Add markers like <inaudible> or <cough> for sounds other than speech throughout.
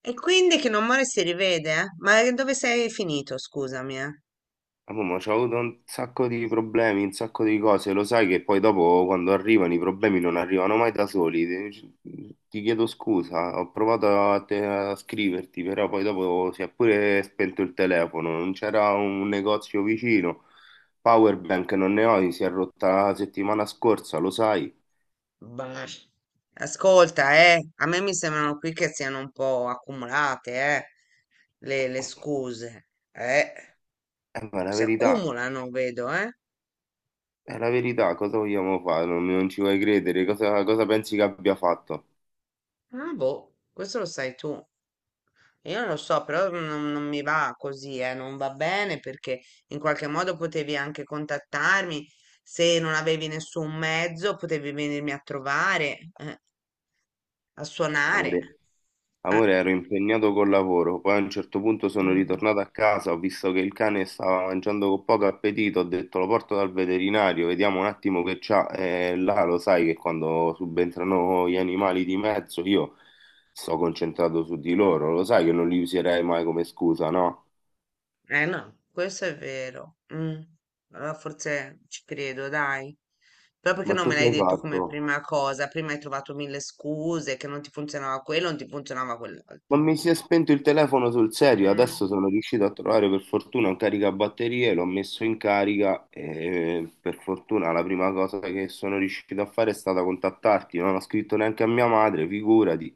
E quindi che non muore si rivede, eh? Ma dove sei finito, scusami, eh? Ah, mamma, c'ho avuto un sacco di problemi, un sacco di cose, lo sai che poi dopo quando arrivano i problemi non arrivano mai da soli. Ti chiedo scusa, ho provato a scriverti, però poi dopo si è pure spento il telefono, non c'era un negozio vicino. Powerbank non ne ho, si è rotta la settimana scorsa, lo sai. Bah. Ascolta, a me mi sembrano qui che siano un po' accumulate, le scuse, Ma si accumulano, vedo, eh. è la verità, cosa vogliamo fare? Non ci vuoi credere, cosa pensi che abbia fatto, Ah, boh, questo lo sai tu. Io non lo so, però non mi va così, non va bene perché in qualche modo potevi anche contattarmi, se non avevi nessun mezzo potevi venirmi a trovare. A suonare. amore? Ah, Amore, ero impegnato col lavoro, poi a un certo punto sono mm. ritornato a casa, ho visto che il cane stava mangiando con poco appetito, ho detto lo porto dal veterinario, vediamo un attimo che c'ha. E là lo sai che quando subentrano gli animali di mezzo io sto concentrato su di loro, lo sai che non li userei mai come scusa, no? Eh no, questo è vero. Mm. Allora forse ci credo, dai. Però perché Ma non tu me che l'hai hai detto come fatto? prima cosa? Prima hai trovato mille scuse, che non ti funzionava quello, non ti funzionava quell'altro. Ma mi si è spento il telefono sul serio, Mm. adesso sono riuscito a trovare per fortuna un caricabatterie, l'ho messo in carica e per fortuna la prima cosa che sono riuscito a fare è stata contattarti, non ho scritto neanche a mia madre, figurati,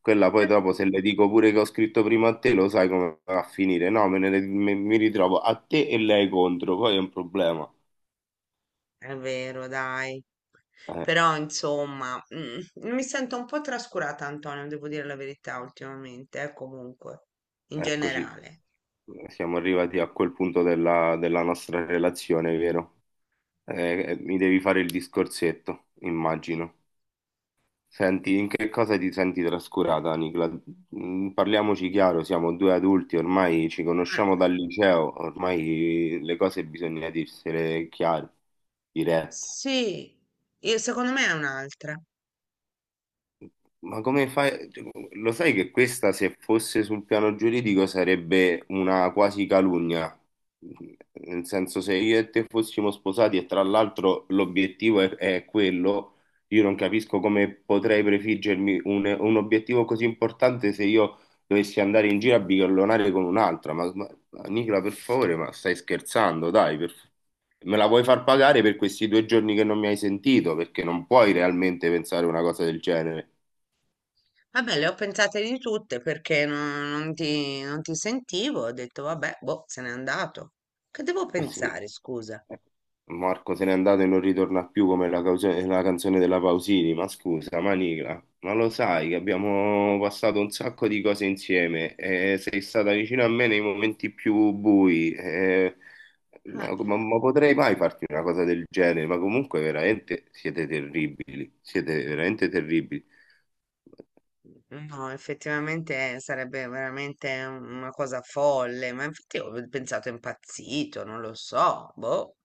quella poi Eh. dopo se le dico pure che ho scritto prima a te lo sai come va a finire, no, mi ritrovo a te e lei contro, poi è un problema. È vero, dai. Eh, Però insomma, mi sento un po' trascurata, Antonio, devo dire la verità ultimamente, comunque, in eccoci, generale. siamo arrivati a quel punto della nostra relazione, vero? Mi devi fare il discorsetto, immagino. Senti, in che cosa ti senti trascurata, Nicola? Parliamoci chiaro, siamo due adulti, ormai ci Ah, conosciamo dal liceo, ormai le cose bisogna dirsele chiare, dirette. sì, secondo me è un'altra. Ma come fai? Cioè, lo sai che questa, se fosse sul piano giuridico, sarebbe una quasi calunnia. Nel senso, se io e te fossimo sposati e tra l'altro l'obiettivo è quello, io non capisco come potrei prefiggermi un obiettivo così importante se io dovessi andare in giro a bighellonare con un'altra. Ma Nicola, per favore, ma stai scherzando? Dai, me la vuoi far pagare per questi due giorni che non mi hai sentito? Perché non puoi realmente pensare una cosa del genere. Vabbè, le ho pensate di tutte perché non ti sentivo. Ho detto, vabbè, boh, se n'è andato. Che devo Eh sì, pensare, scusa? eh, Marco se n'è andato e non ritorna più come la canzone della Pausini, ma scusa, Manigla, ma lo sai che abbiamo passato un sacco di cose insieme e sei stata vicino a me nei momenti più bui, Eh, ma potrei mai farti una cosa del genere, ma comunque veramente siete terribili, siete veramente terribili. No, effettivamente sarebbe veramente una cosa folle, ma infatti ho pensato è impazzito, non lo so, boh.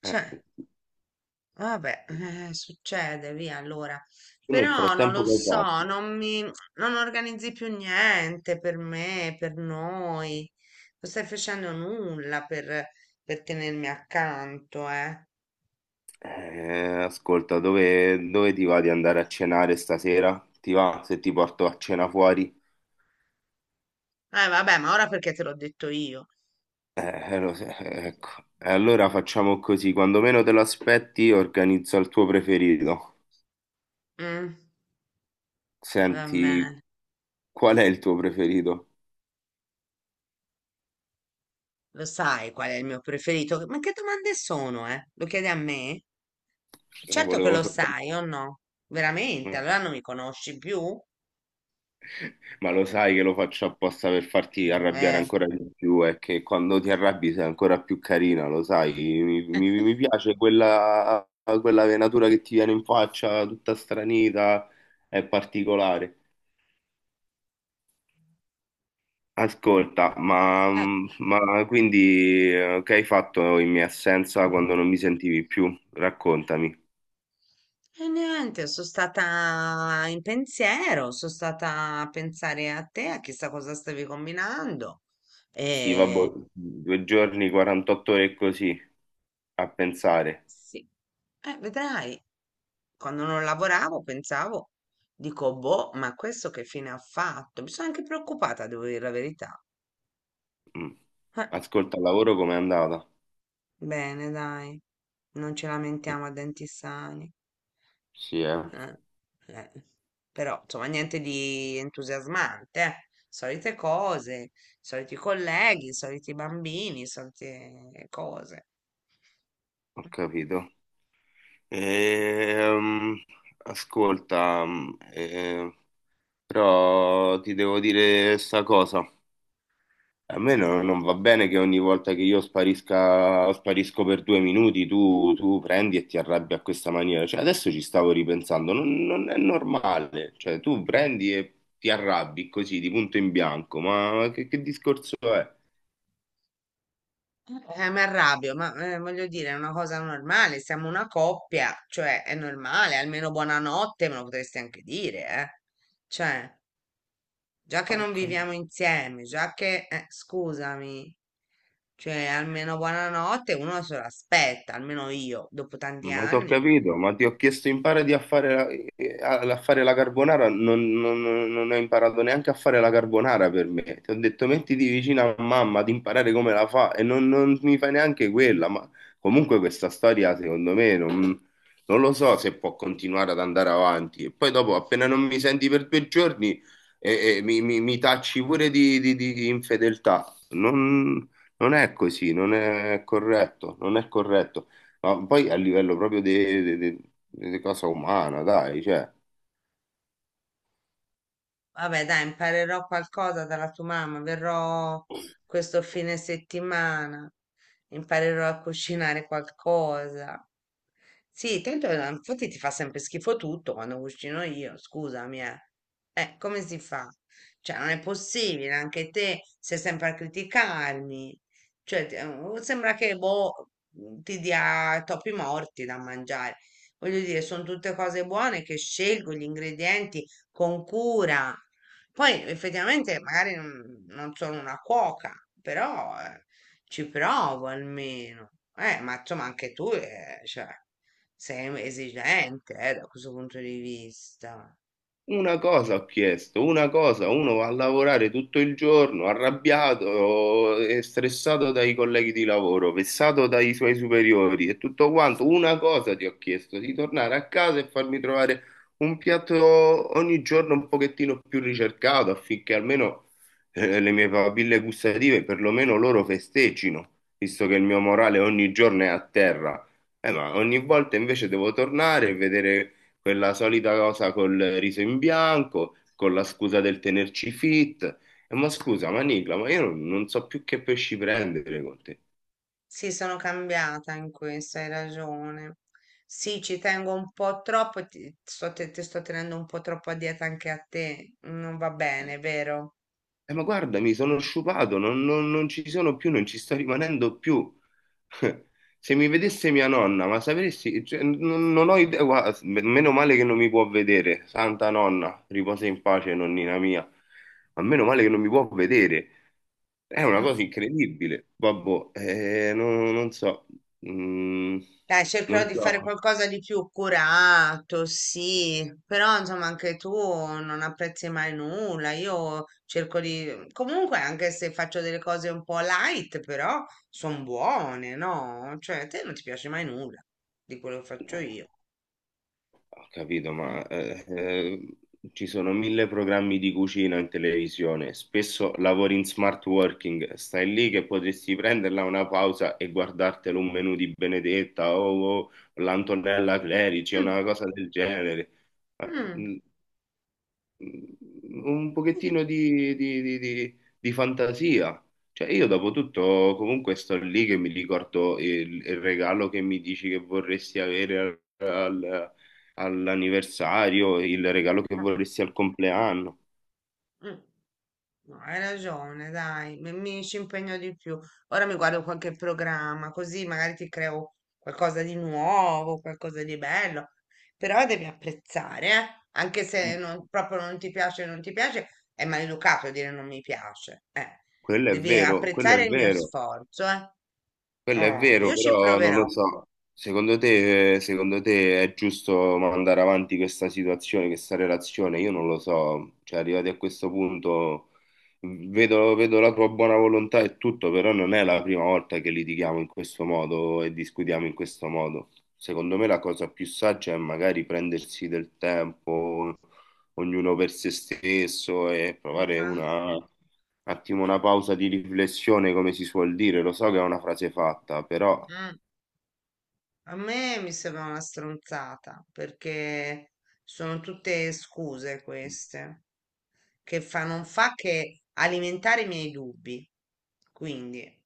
Cioè. Eh, Vabbè, succede, via allora. tu nel Però non lo frattempo che hai so, fatto? Non organizzi più niente per me, per noi. Non stai facendo nulla per tenermi accanto, eh. Ascolta, dove ti va di andare a cenare stasera? Ti va se ti porto a cena fuori? Vabbè, ma ora perché te l'ho detto io? Lo so, ecco. E allora facciamo così, quando meno te lo aspetti, organizzo il tuo preferito. Mm, va Senti, bene. qual è il tuo preferito? Lo sai qual è il mio preferito? Ma che domande sono, eh? Lo chiedi a me? Eh, Certo che Volevo lo soltanto. sai, o no? Veramente? Allora non mi conosci più? Ma lo sai che lo faccio apposta per farti arrabbiare Eh. ancora di più e che quando ti arrabbi sei ancora più carina, lo sai. Mi piace quella venatura che ti viene in faccia, tutta stranita, è particolare. Ascolta, ma, <laughs> ma quindi che hai fatto in mia assenza quando non mi sentivi più? Raccontami. E niente, sono stata in pensiero, sono stata a pensare a te, a chissà cosa stavi combinando. Sì, vabbè, E due giorni, 48 ore e così, a pensare. sì, vedrai, quando non lavoravo pensavo, dico, boh, ma questo che fine ha fatto? Mi sono anche preoccupata, devo dire la verità. Mm. Eh, Ascolta, il lavoro com'è andata? bene, dai, non ci lamentiamo a denti sani. Sì, eh. Eh, eh. Però, insomma, niente di entusiasmante, eh. Solite cose, soliti colleghi, soliti bambini, solite cose. Ho capito. Ehm, ascolta, però ti devo dire sta cosa. A me non va bene che ogni volta che io sparisca, sparisco per due minuti, tu prendi e ti arrabbi a questa maniera. Cioè, adesso ci stavo ripensando, non è normale. Cioè, tu prendi e ti arrabbi così, di punto in bianco. Ma che discorso è? Mi arrabbio, ma voglio dire, è una cosa normale, siamo una coppia, cioè è normale, almeno buonanotte me lo potresti anche dire, eh. Cioè, già che non Ok. viviamo insieme, già che, scusami, cioè almeno buonanotte uno se lo aspetta, almeno io, dopo tanti Ma ti ho anni. capito, ma ti ho chiesto impari a fare la carbonara, non ho imparato neanche a fare la carbonara per me. Ti ho detto mettiti vicino a mamma ad imparare come la fa e non mi fai neanche quella, ma comunque questa storia secondo me non lo so se può continuare ad andare avanti. E poi dopo appena non mi senti per due giorni mi tacci pure di infedeltà. Non è così, non è corretto, non è corretto ma poi a livello proprio di, di cosa umana, dai, cioè. Vabbè, dai, imparerò qualcosa dalla tua mamma. Verrò questo fine settimana. Imparerò a cucinare qualcosa. Sì, tanto infatti ti fa sempre schifo tutto quando cucino io, scusami, eh. Come si fa? Cioè, non è possibile, anche te sei sempre a criticarmi. Cioè, sembra che boh, ti dia topi morti da mangiare. Voglio dire, sono tutte cose buone che scelgo gli ingredienti con cura. Poi effettivamente magari non sono una cuoca, però ci provo almeno. Ma insomma anche tu cioè, sei esigente da questo punto di vista. Una cosa ho chiesto, una cosa, uno va a lavorare tutto il giorno, arrabbiato e stressato dai colleghi di lavoro, vessato dai suoi superiori e tutto quanto. Una cosa ti ho chiesto, di tornare a casa e farmi trovare un piatto ogni giorno un pochettino più ricercato affinché almeno le mie papille gustative, perlomeno loro festeggino, visto che il mio morale ogni giorno è a terra. Ma ogni volta invece devo tornare e vedere quella solita cosa col riso in bianco, con la scusa del tenerci fit. E ma scusa, ma Nicla, ma io non so più che pesci prendere con te. Sì, sono cambiata in questo, hai ragione. Sì, ci tengo un po' troppo e ti sto tenendo un po' troppo a dieta anche a te. Non va bene, vero? Ma guarda, mi sono sciupato, non ci sono più, non ci sto rimanendo più. <laughs> Se mi vedesse mia nonna, ma sapresti, cioè, non ho idea, guarda, meno male che non mi può vedere, santa nonna, riposa in pace, nonnina mia, ma meno male che non mi può vedere. È una Mm. cosa incredibile, babbo. Non so, Mm, Dai, cercherò non di fare so. qualcosa di più curato, sì, però insomma anche tu non apprezzi mai nulla, io cerco di. Comunque anche se faccio delle cose un po' light, però sono buone, no? Cioè, a te non ti piace mai nulla di quello che Eh, faccio io. ho capito, Mm. ma ci sono mille programmi di cucina in televisione, spesso lavori in smart working, stai lì che potresti prenderla una pausa e guardartelo un menù di Benedetta o l'Antonella Clerici, una cosa del genere. Ma, Mm. mm, un pochettino di fantasia. Cioè, io dopo tutto comunque sto lì che mi ricordo il regalo che mi dici che vorresti avere al- al- all'anniversario, il regalo che vorresti al compleanno. Mm. No, hai ragione, dai, mi ci impegno di più. Ora mi guardo qualche programma, così magari ti creo qualcosa di nuovo, qualcosa di bello. Però devi apprezzare, eh? Anche se proprio non ti piace, non ti piace, è maleducato dire non mi piace. Quello è Devi vero, quello è apprezzare il mio vero. sforzo, eh? Quello è Oh, vero, io ci però non proverò. lo so. Secondo te è giusto mandare avanti questa situazione, questa relazione? Io non lo so. Cioè, arrivati a questo punto, vedo la tua buona volontà e tutto, però non è la prima volta che litighiamo in questo modo e discutiamo in questo modo. Secondo me la cosa più saggia è magari prendersi del tempo, ognuno per se stesso e provare Ma una un attimo, una pausa di riflessione, come si suol dire, lo so che è una frase fatta, però mm, a me mi sembra una stronzata, perché sono tutte scuse queste, non fa che alimentare i miei dubbi. Quindi,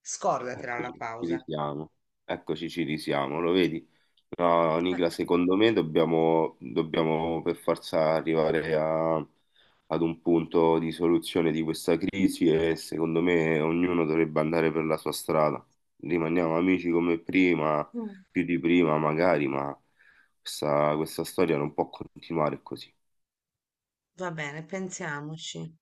scordatela eccoci, la ci pausa. risiamo, eccoci, ci risiamo, lo vedi? No, Eh, Nicla, secondo me dobbiamo per forza arrivare ad un punto di soluzione di questa crisi e secondo me ognuno dovrebbe andare per la sua strada. Rimaniamo amici come prima, mm, più di prima magari, ma questa storia non può continuare così. Va bene, pensiamoci.